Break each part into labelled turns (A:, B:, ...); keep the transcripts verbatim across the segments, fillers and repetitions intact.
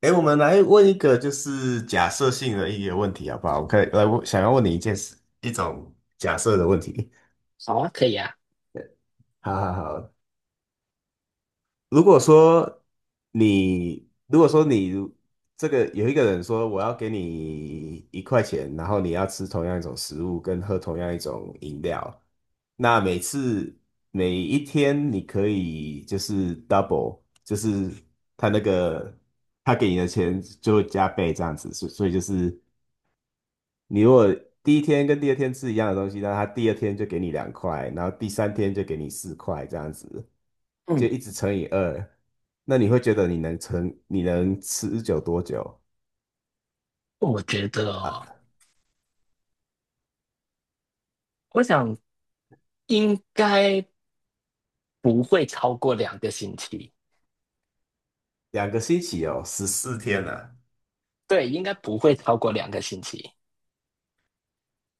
A: 哎，我们来问一个就是假设性的一个问题好不好？我可以来问，想要问你一件事，一种假设的问题。
B: 好啊，可以啊。
A: 好好好。如果说你，如果说你这个有一个人说我要给你一块钱，然后你要吃同样一种食物跟喝同样一种饮料，那每次每一天你可以就是 double，就是他那个他给你的钱就会加倍这样子，所所以就是你如果第一天跟第二天吃一样的东西，那他第二天就给你两块，然后第三天就给你四块，这样子就
B: 嗯，
A: 一直乘以二，那你会觉得你能撑，你能持久多久？
B: 我觉得
A: 啊？
B: 哦，我想应该不会超过两个星期。
A: 两个星期哦，十四天啊，
B: 对，应该不会超过两个星期。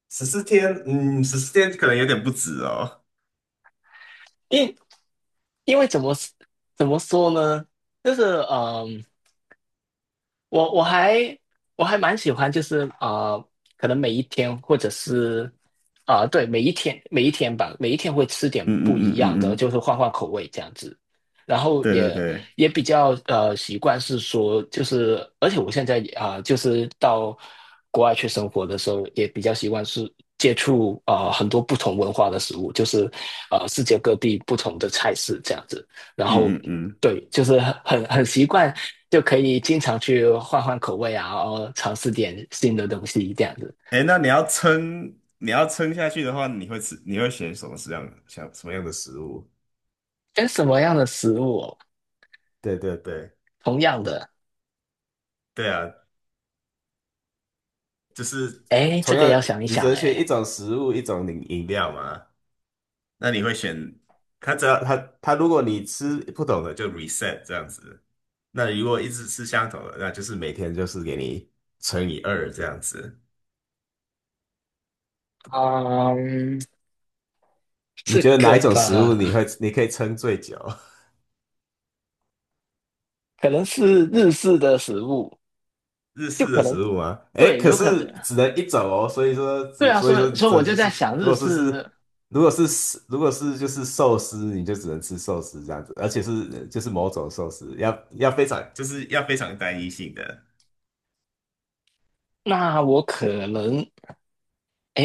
A: 十四天，嗯，十四天可能有点不止哦。
B: 因因为怎么怎么说呢？就是，嗯，我我还我还蛮喜欢，就是啊，可能每一天，或者是啊，对，每一天每一天吧，每一天会吃点
A: 嗯嗯
B: 不一
A: 嗯
B: 样
A: 嗯
B: 的，
A: 嗯。
B: 就是换换口味这样子。然后
A: 对对
B: 也
A: 对。
B: 也比较呃习惯是说，就是而且我现在啊、呃就是到国外去生活的时候，也比较习惯是接触啊很多不同文化的食物，就是呃世界各地不同的菜式这样子。然后
A: 嗯嗯嗯。
B: 对，就是很很很习惯。就可以经常去换换口味啊，然后尝试点新的东西这样子。
A: 哎，那你要撑，你要撑下去的话，你会吃，你会选什么样，像什么样的食物？
B: 跟什么样的食物哦？
A: 对对对，
B: 同样的，
A: 对啊，就是
B: 哎，这
A: 同
B: 个
A: 样，
B: 要想一
A: 你只
B: 想，
A: 能选一
B: 哎，
A: 种食物，一种饮饮料嘛。那你会选它？只要它它，如果你吃不懂的就 reset 这样子。那如果一直吃相同的，那就是每天就是给你乘以二这样子。
B: 嗯，
A: 你
B: 这
A: 觉得哪
B: 个
A: 一种食物你
B: 吧，
A: 会你可以撑最久？
B: 可能是日式的食物，
A: 日
B: 就
A: 式
B: 可
A: 的
B: 能，
A: 食物吗？诶，
B: 对，
A: 可
B: 有可
A: 是
B: 能，
A: 只能一种哦，所以说
B: 对
A: 只
B: 啊，
A: 所以
B: 所
A: 说
B: 以
A: 你
B: 所以我
A: 只
B: 就
A: 就是
B: 在想
A: 如
B: 日
A: 果说
B: 式，
A: 是如果是如果是就是寿司，你就只能吃寿司这样子，而且是就是某种寿司，要要非常就是要非常单一性的，
B: 那我可能，哎，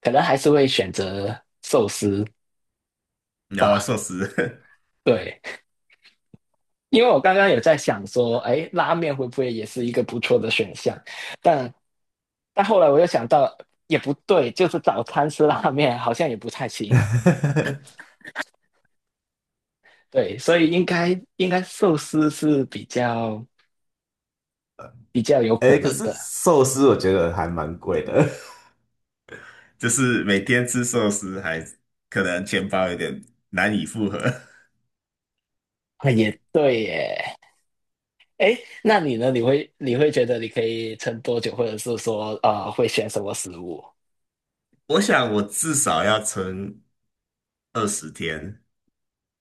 B: 可能还是会选择寿司
A: 然后
B: 吧，
A: 寿司，
B: 对。因为我刚刚有在想说，哎，拉面会不会也是一个不错的选项？但但后来我又想到，也不对，就是早餐吃拉面好像也不太行。对，所以应该应该寿司是比较比较有可
A: 诶，可
B: 能
A: 是
B: 的。
A: 寿司我觉得还蛮贵的，就是每天吃寿司还可能钱包有点难以负荷。
B: 啊，也对耶。哎，那你呢？你会你会觉得你可以撑多久，或者是说呃会选什么食物？
A: 我想我至少要撑二十天。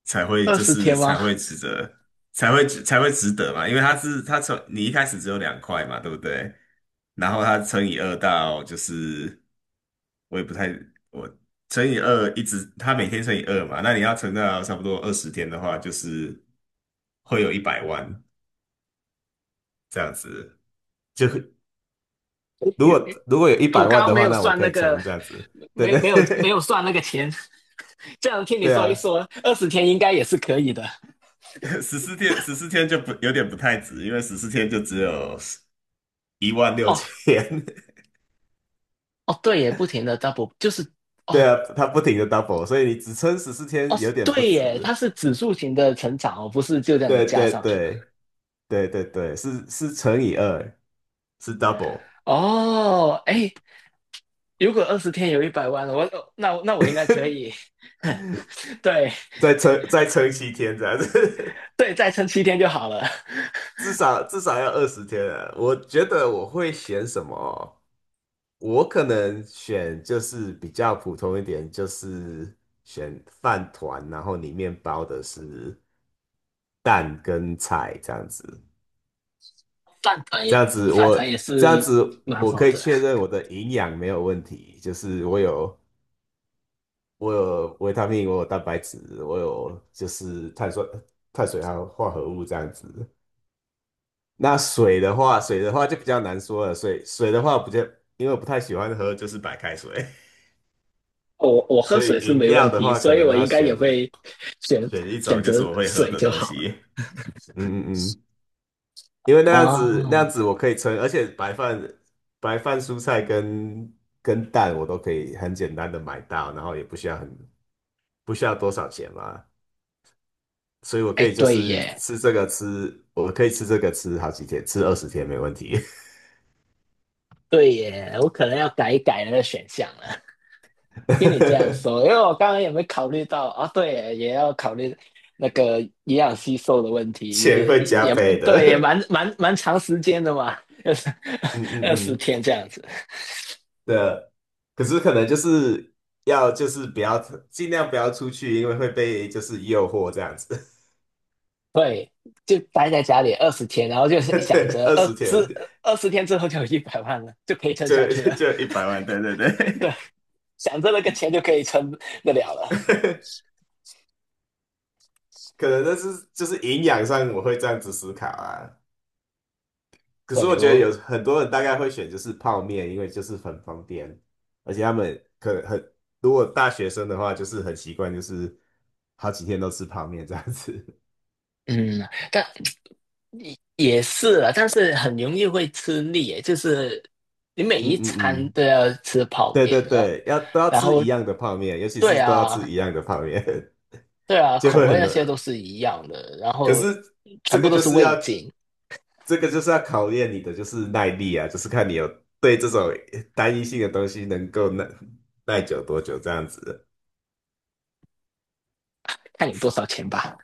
A: 才会
B: 二
A: 就
B: 十天
A: 是才
B: 吗？
A: 会值得，才会才会值得嘛，因为它是它从你一开始只有两块嘛，对不对？然后它乘以二到就是我也不太我乘以二一直它每天乘以二嘛，那你要乘到差不多二十天的话，就是会有一百万这样子。就
B: 我
A: 如果
B: 我
A: 如果有一
B: 我
A: 百
B: 刚
A: 万
B: 刚
A: 的
B: 没
A: 话，
B: 有
A: 那我
B: 算
A: 可
B: 那
A: 以
B: 个，
A: 存这样子。对
B: 没有
A: 对
B: 没有没有 算那个钱，这样听你
A: 对
B: 说一
A: 啊，
B: 说，二十天应该也是可以的。
A: 十四天，十四天就不有点不太值，因为十四天就只有十一万六
B: 哦，
A: 千，
B: 哦，对耶，不停的 double 就是。
A: 对
B: 哦，
A: 啊，它不停的 double,所以你只撑十四
B: 哦，
A: 天有点不
B: 对耶，它
A: 值。
B: 是指数型的成长哦，不是就这样子
A: 对
B: 加
A: 对
B: 上去。
A: 对对对对，是是乘以二，是 double,
B: 哦，哎，如果二十天有一百万了，我那那我应该可 以。对，
A: 再撑再撑七天这样子，
B: 对，再撑七天就好了。
A: 至少至少要二十天啊。我觉得我会选什么？我可能选就是比较普通一点，就是选饭团，然后里面包的是蛋跟菜这样子。
B: 饭团
A: 这
B: 也
A: 样子
B: 饭
A: 我
B: 团也
A: 这样
B: 是
A: 子
B: 蛮
A: 我
B: 好
A: 可以
B: 的，
A: 确认我的营养没有问题，就是我有我有维他命，我有蛋白质，我有就是碳酸碳水还有化合物这样子。那水的话，水的话就比较难说了。水水的话不就，因为我不太喜欢喝，就是白开水，
B: 我我 喝
A: 所以
B: 水是
A: 饮
B: 没问
A: 料的
B: 题，
A: 话可
B: 所以
A: 能
B: 我
A: 要
B: 应该也
A: 选
B: 会选
A: 选一
B: 选
A: 种就是
B: 择
A: 我会喝
B: 水
A: 的
B: 就
A: 东
B: 好了。
A: 西。嗯嗯嗯。因为那样子那样
B: 哦，
A: 子我可以称，而且白饭白饭、蔬菜跟跟蛋我都可以很简单的买到，然后也不需要很不需要多少钱嘛，所以我可
B: 哎，
A: 以就
B: 对
A: 是
B: 耶，
A: 吃这个吃，我可以吃这个吃好几天，吃二十天没问题，
B: 对耶，我可能要改一改那个选项了。听你这样 说，因为我刚刚也没考虑到啊，对耶也要考虑那个营养吸收的问题，
A: 钱
B: 也
A: 会加
B: 也
A: 倍
B: 对，也
A: 的，
B: 蛮蛮蛮长时间的嘛，二十
A: 嗯
B: 二
A: 嗯
B: 十
A: 嗯，
B: 天这样子。
A: 对啊，可是可能就是要就是不要尽量不要出去，因为会被就是诱惑这样子，
B: 对，就待在家里二十天，然后就是 想
A: 对，
B: 着
A: 二
B: 二
A: 十
B: 十
A: 天
B: 二十天之后就有一百万了，就可以撑下
A: 就
B: 去了。
A: 就一百万，对对
B: 对，
A: 对。
B: 想着那个钱就可以撑得了了。
A: 可能那是就是营养上我会这样子思考啊。可是
B: 对，
A: 我觉得
B: 我
A: 有很多人大概会选就是泡面，因为就是很方便，而且他们可能很，如果大学生的话，就是很习惯，就是好几天都吃泡面这样子。
B: 嗯，但也是啊，但是很容易会吃腻耶，就是你每
A: 嗯
B: 一
A: 嗯
B: 餐
A: 嗯。
B: 都要吃 泡
A: 对
B: 面
A: 对
B: 啊，
A: 对，要都要
B: 然
A: 吃
B: 后
A: 一样的泡面，尤其
B: 对
A: 是都要吃
B: 啊，
A: 一样的泡面，
B: 对 啊，
A: 就
B: 口
A: 会
B: 味
A: 很
B: 那
A: 难。
B: 些都是一样的，然
A: 可
B: 后
A: 是这
B: 全部
A: 个
B: 都
A: 就
B: 是
A: 是要
B: 味精，
A: 这个就是要考验你的就是耐力啊，就是看你有对这种单一性的东西能够耐耐久多久这样子。
B: 看你多少钱吧。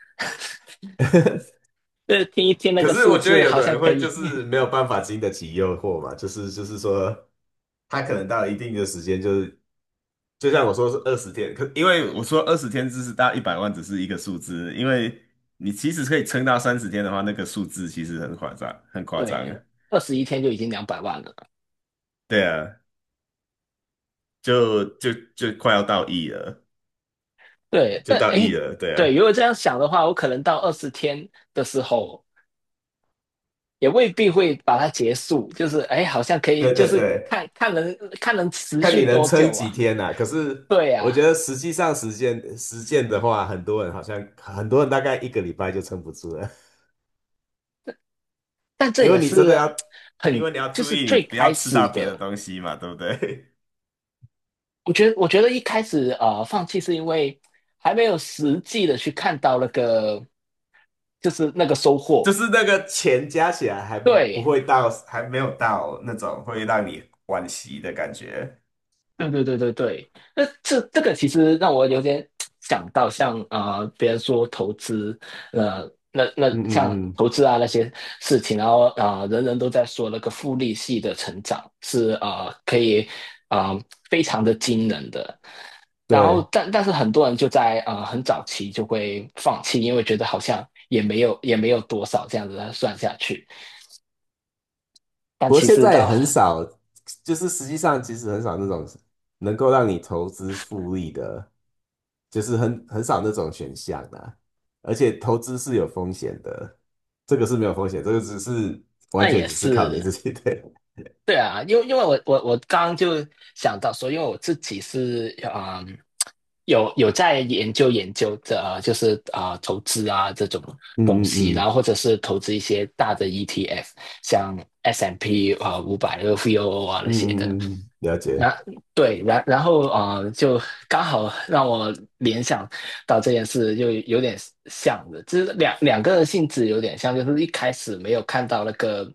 B: 呃，听一听那
A: 可
B: 个
A: 是
B: 数
A: 我觉得
B: 字
A: 有
B: 好
A: 的
B: 像
A: 人
B: 可
A: 会就
B: 以，
A: 是没有办法经得起诱惑嘛，就是就是说他可能到一定的时间就是就像我说是二十天，可因为我说二十天只是到一百万只是一个数字，因为你其实可以撑到三十天的话，那个数字其实很夸张，很 夸张。
B: 对，二十一天就已经两百万了。
A: 对啊，就就就快要到亿了，
B: 对，
A: 就
B: 但
A: 到亿
B: 诶，
A: 了，对
B: 对，
A: 啊。
B: 如果这样想的话，我可能到二十天的时候。也未必会把它结束，就是哎，好像可以，
A: 对
B: 就
A: 对
B: 是
A: 对，
B: 看看能看能持
A: 看
B: 续
A: 你能
B: 多
A: 撑
B: 久
A: 几
B: 啊。
A: 天呐、可是
B: 对
A: 我
B: 呀、
A: 觉得实际上实践实践的话，很多人好像很多人大概一个礼拜就撑不住了，
B: 但 这
A: 因为
B: 也
A: 你真的要，
B: 是
A: 因
B: 很
A: 为你要
B: 就
A: 注
B: 是
A: 意你
B: 最
A: 不
B: 开
A: 要吃到
B: 始
A: 别的
B: 的。
A: 东西嘛，对不对？
B: 我觉得，我觉得一开始呃放弃是因为还没有实际的去看到那个就是那个收
A: 就
B: 获。
A: 是那个钱加起来还不
B: 对，
A: 会到，还没有到那种会让你惋惜的感觉。
B: 对对对对对，那这这个其实让我有点想到像，呃，别人说投资，呃，那那
A: 嗯
B: 像
A: 嗯嗯，
B: 投资啊那些事情，然后啊、呃，人人都在说那个复利系的成长是呃可以啊、呃、非常的惊人的，然后
A: 对。
B: 但但是很多人就在呃很早期就会放弃，因为觉得好像也没有也没有多少这样子算下去，但
A: 不过
B: 其
A: 现
B: 实
A: 在也
B: 到
A: 很少，就是实际上其实很少那种能够让你投资复利的，就是很很少那种选项啦。而且投资是有风险的，这个是没有风险，这个只是完
B: 那
A: 全
B: 也
A: 只是靠你
B: 是。
A: 自己。对。
B: 对啊，因为因为我我我刚刚就想到说，因为我自己是啊、嗯有有在研究研究这、呃就是啊、呃投资啊这种东
A: 嗯
B: 西，
A: 嗯
B: 然后
A: 嗯
B: 或者是投资一些大的 E T F,像 S and P 五百、那呃、V O O 啊那些的。
A: 嗯嗯嗯，了解。
B: 那对，然然后啊、呃就刚好让我联想到这件事，就有点像的，就是两两个性质有点像，就是一开始没有看到那个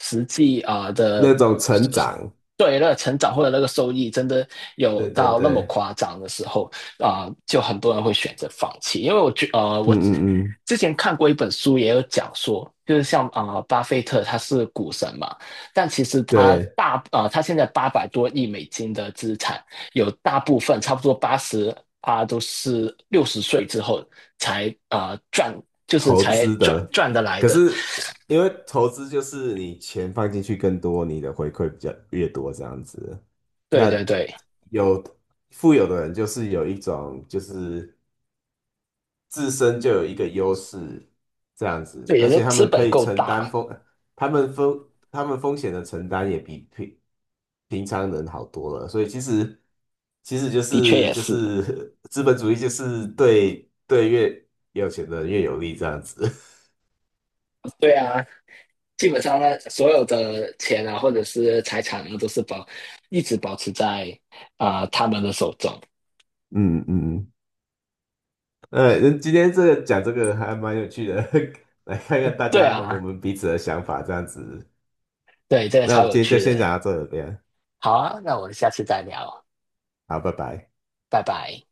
B: 实际啊、呃
A: 那
B: 的
A: 种成长，
B: 对那个成长或者那个收益真的有
A: 对对
B: 到那么
A: 对，
B: 夸张的时候啊、呃就很多人会选择放弃。因为我觉呃，
A: 嗯
B: 我
A: 嗯嗯，
B: 之前看过一本书，也有讲说，就是像啊、呃巴菲特他是股神嘛，但其实他
A: 对。
B: 大啊、呃他现在八百多亿美金的资产，有大部分差不多八十啊都是六十岁之后才啊、呃赚，就是
A: 投
B: 才
A: 资
B: 赚
A: 的，
B: 赚得来
A: 可
B: 的。
A: 是因为投资就是你钱放进去更多，你的回馈比较越多这样子。
B: 对
A: 那
B: 对对，
A: 有富有的人就是有一种就是自身就有一个优势这样子，
B: 对，
A: 而
B: 也就
A: 且他
B: 资
A: 们可
B: 本
A: 以
B: 够
A: 承担
B: 大，
A: 风，他们风他们风险的承担也比平平常人好多了。所以其实其实就
B: 的确
A: 是
B: 也
A: 就
B: 是。
A: 是 资本主义就是对对越有钱的人越有利这样子。
B: 对啊，基本上呢，所有的钱啊，或者是财产啊，都是保一直保持在啊、呃他们的手中。
A: 嗯嗯。嗯呃，今天这个讲这个还蛮有趣的，来看看大
B: 对
A: 家我
B: 啊，
A: 们彼此的想法这样子。
B: 对，这个
A: 那我
B: 超
A: 们
B: 有
A: 今天就
B: 趣
A: 先
B: 的。
A: 讲到这边，
B: 好啊，那我们下次再聊，
A: 好，拜拜。
B: 拜拜。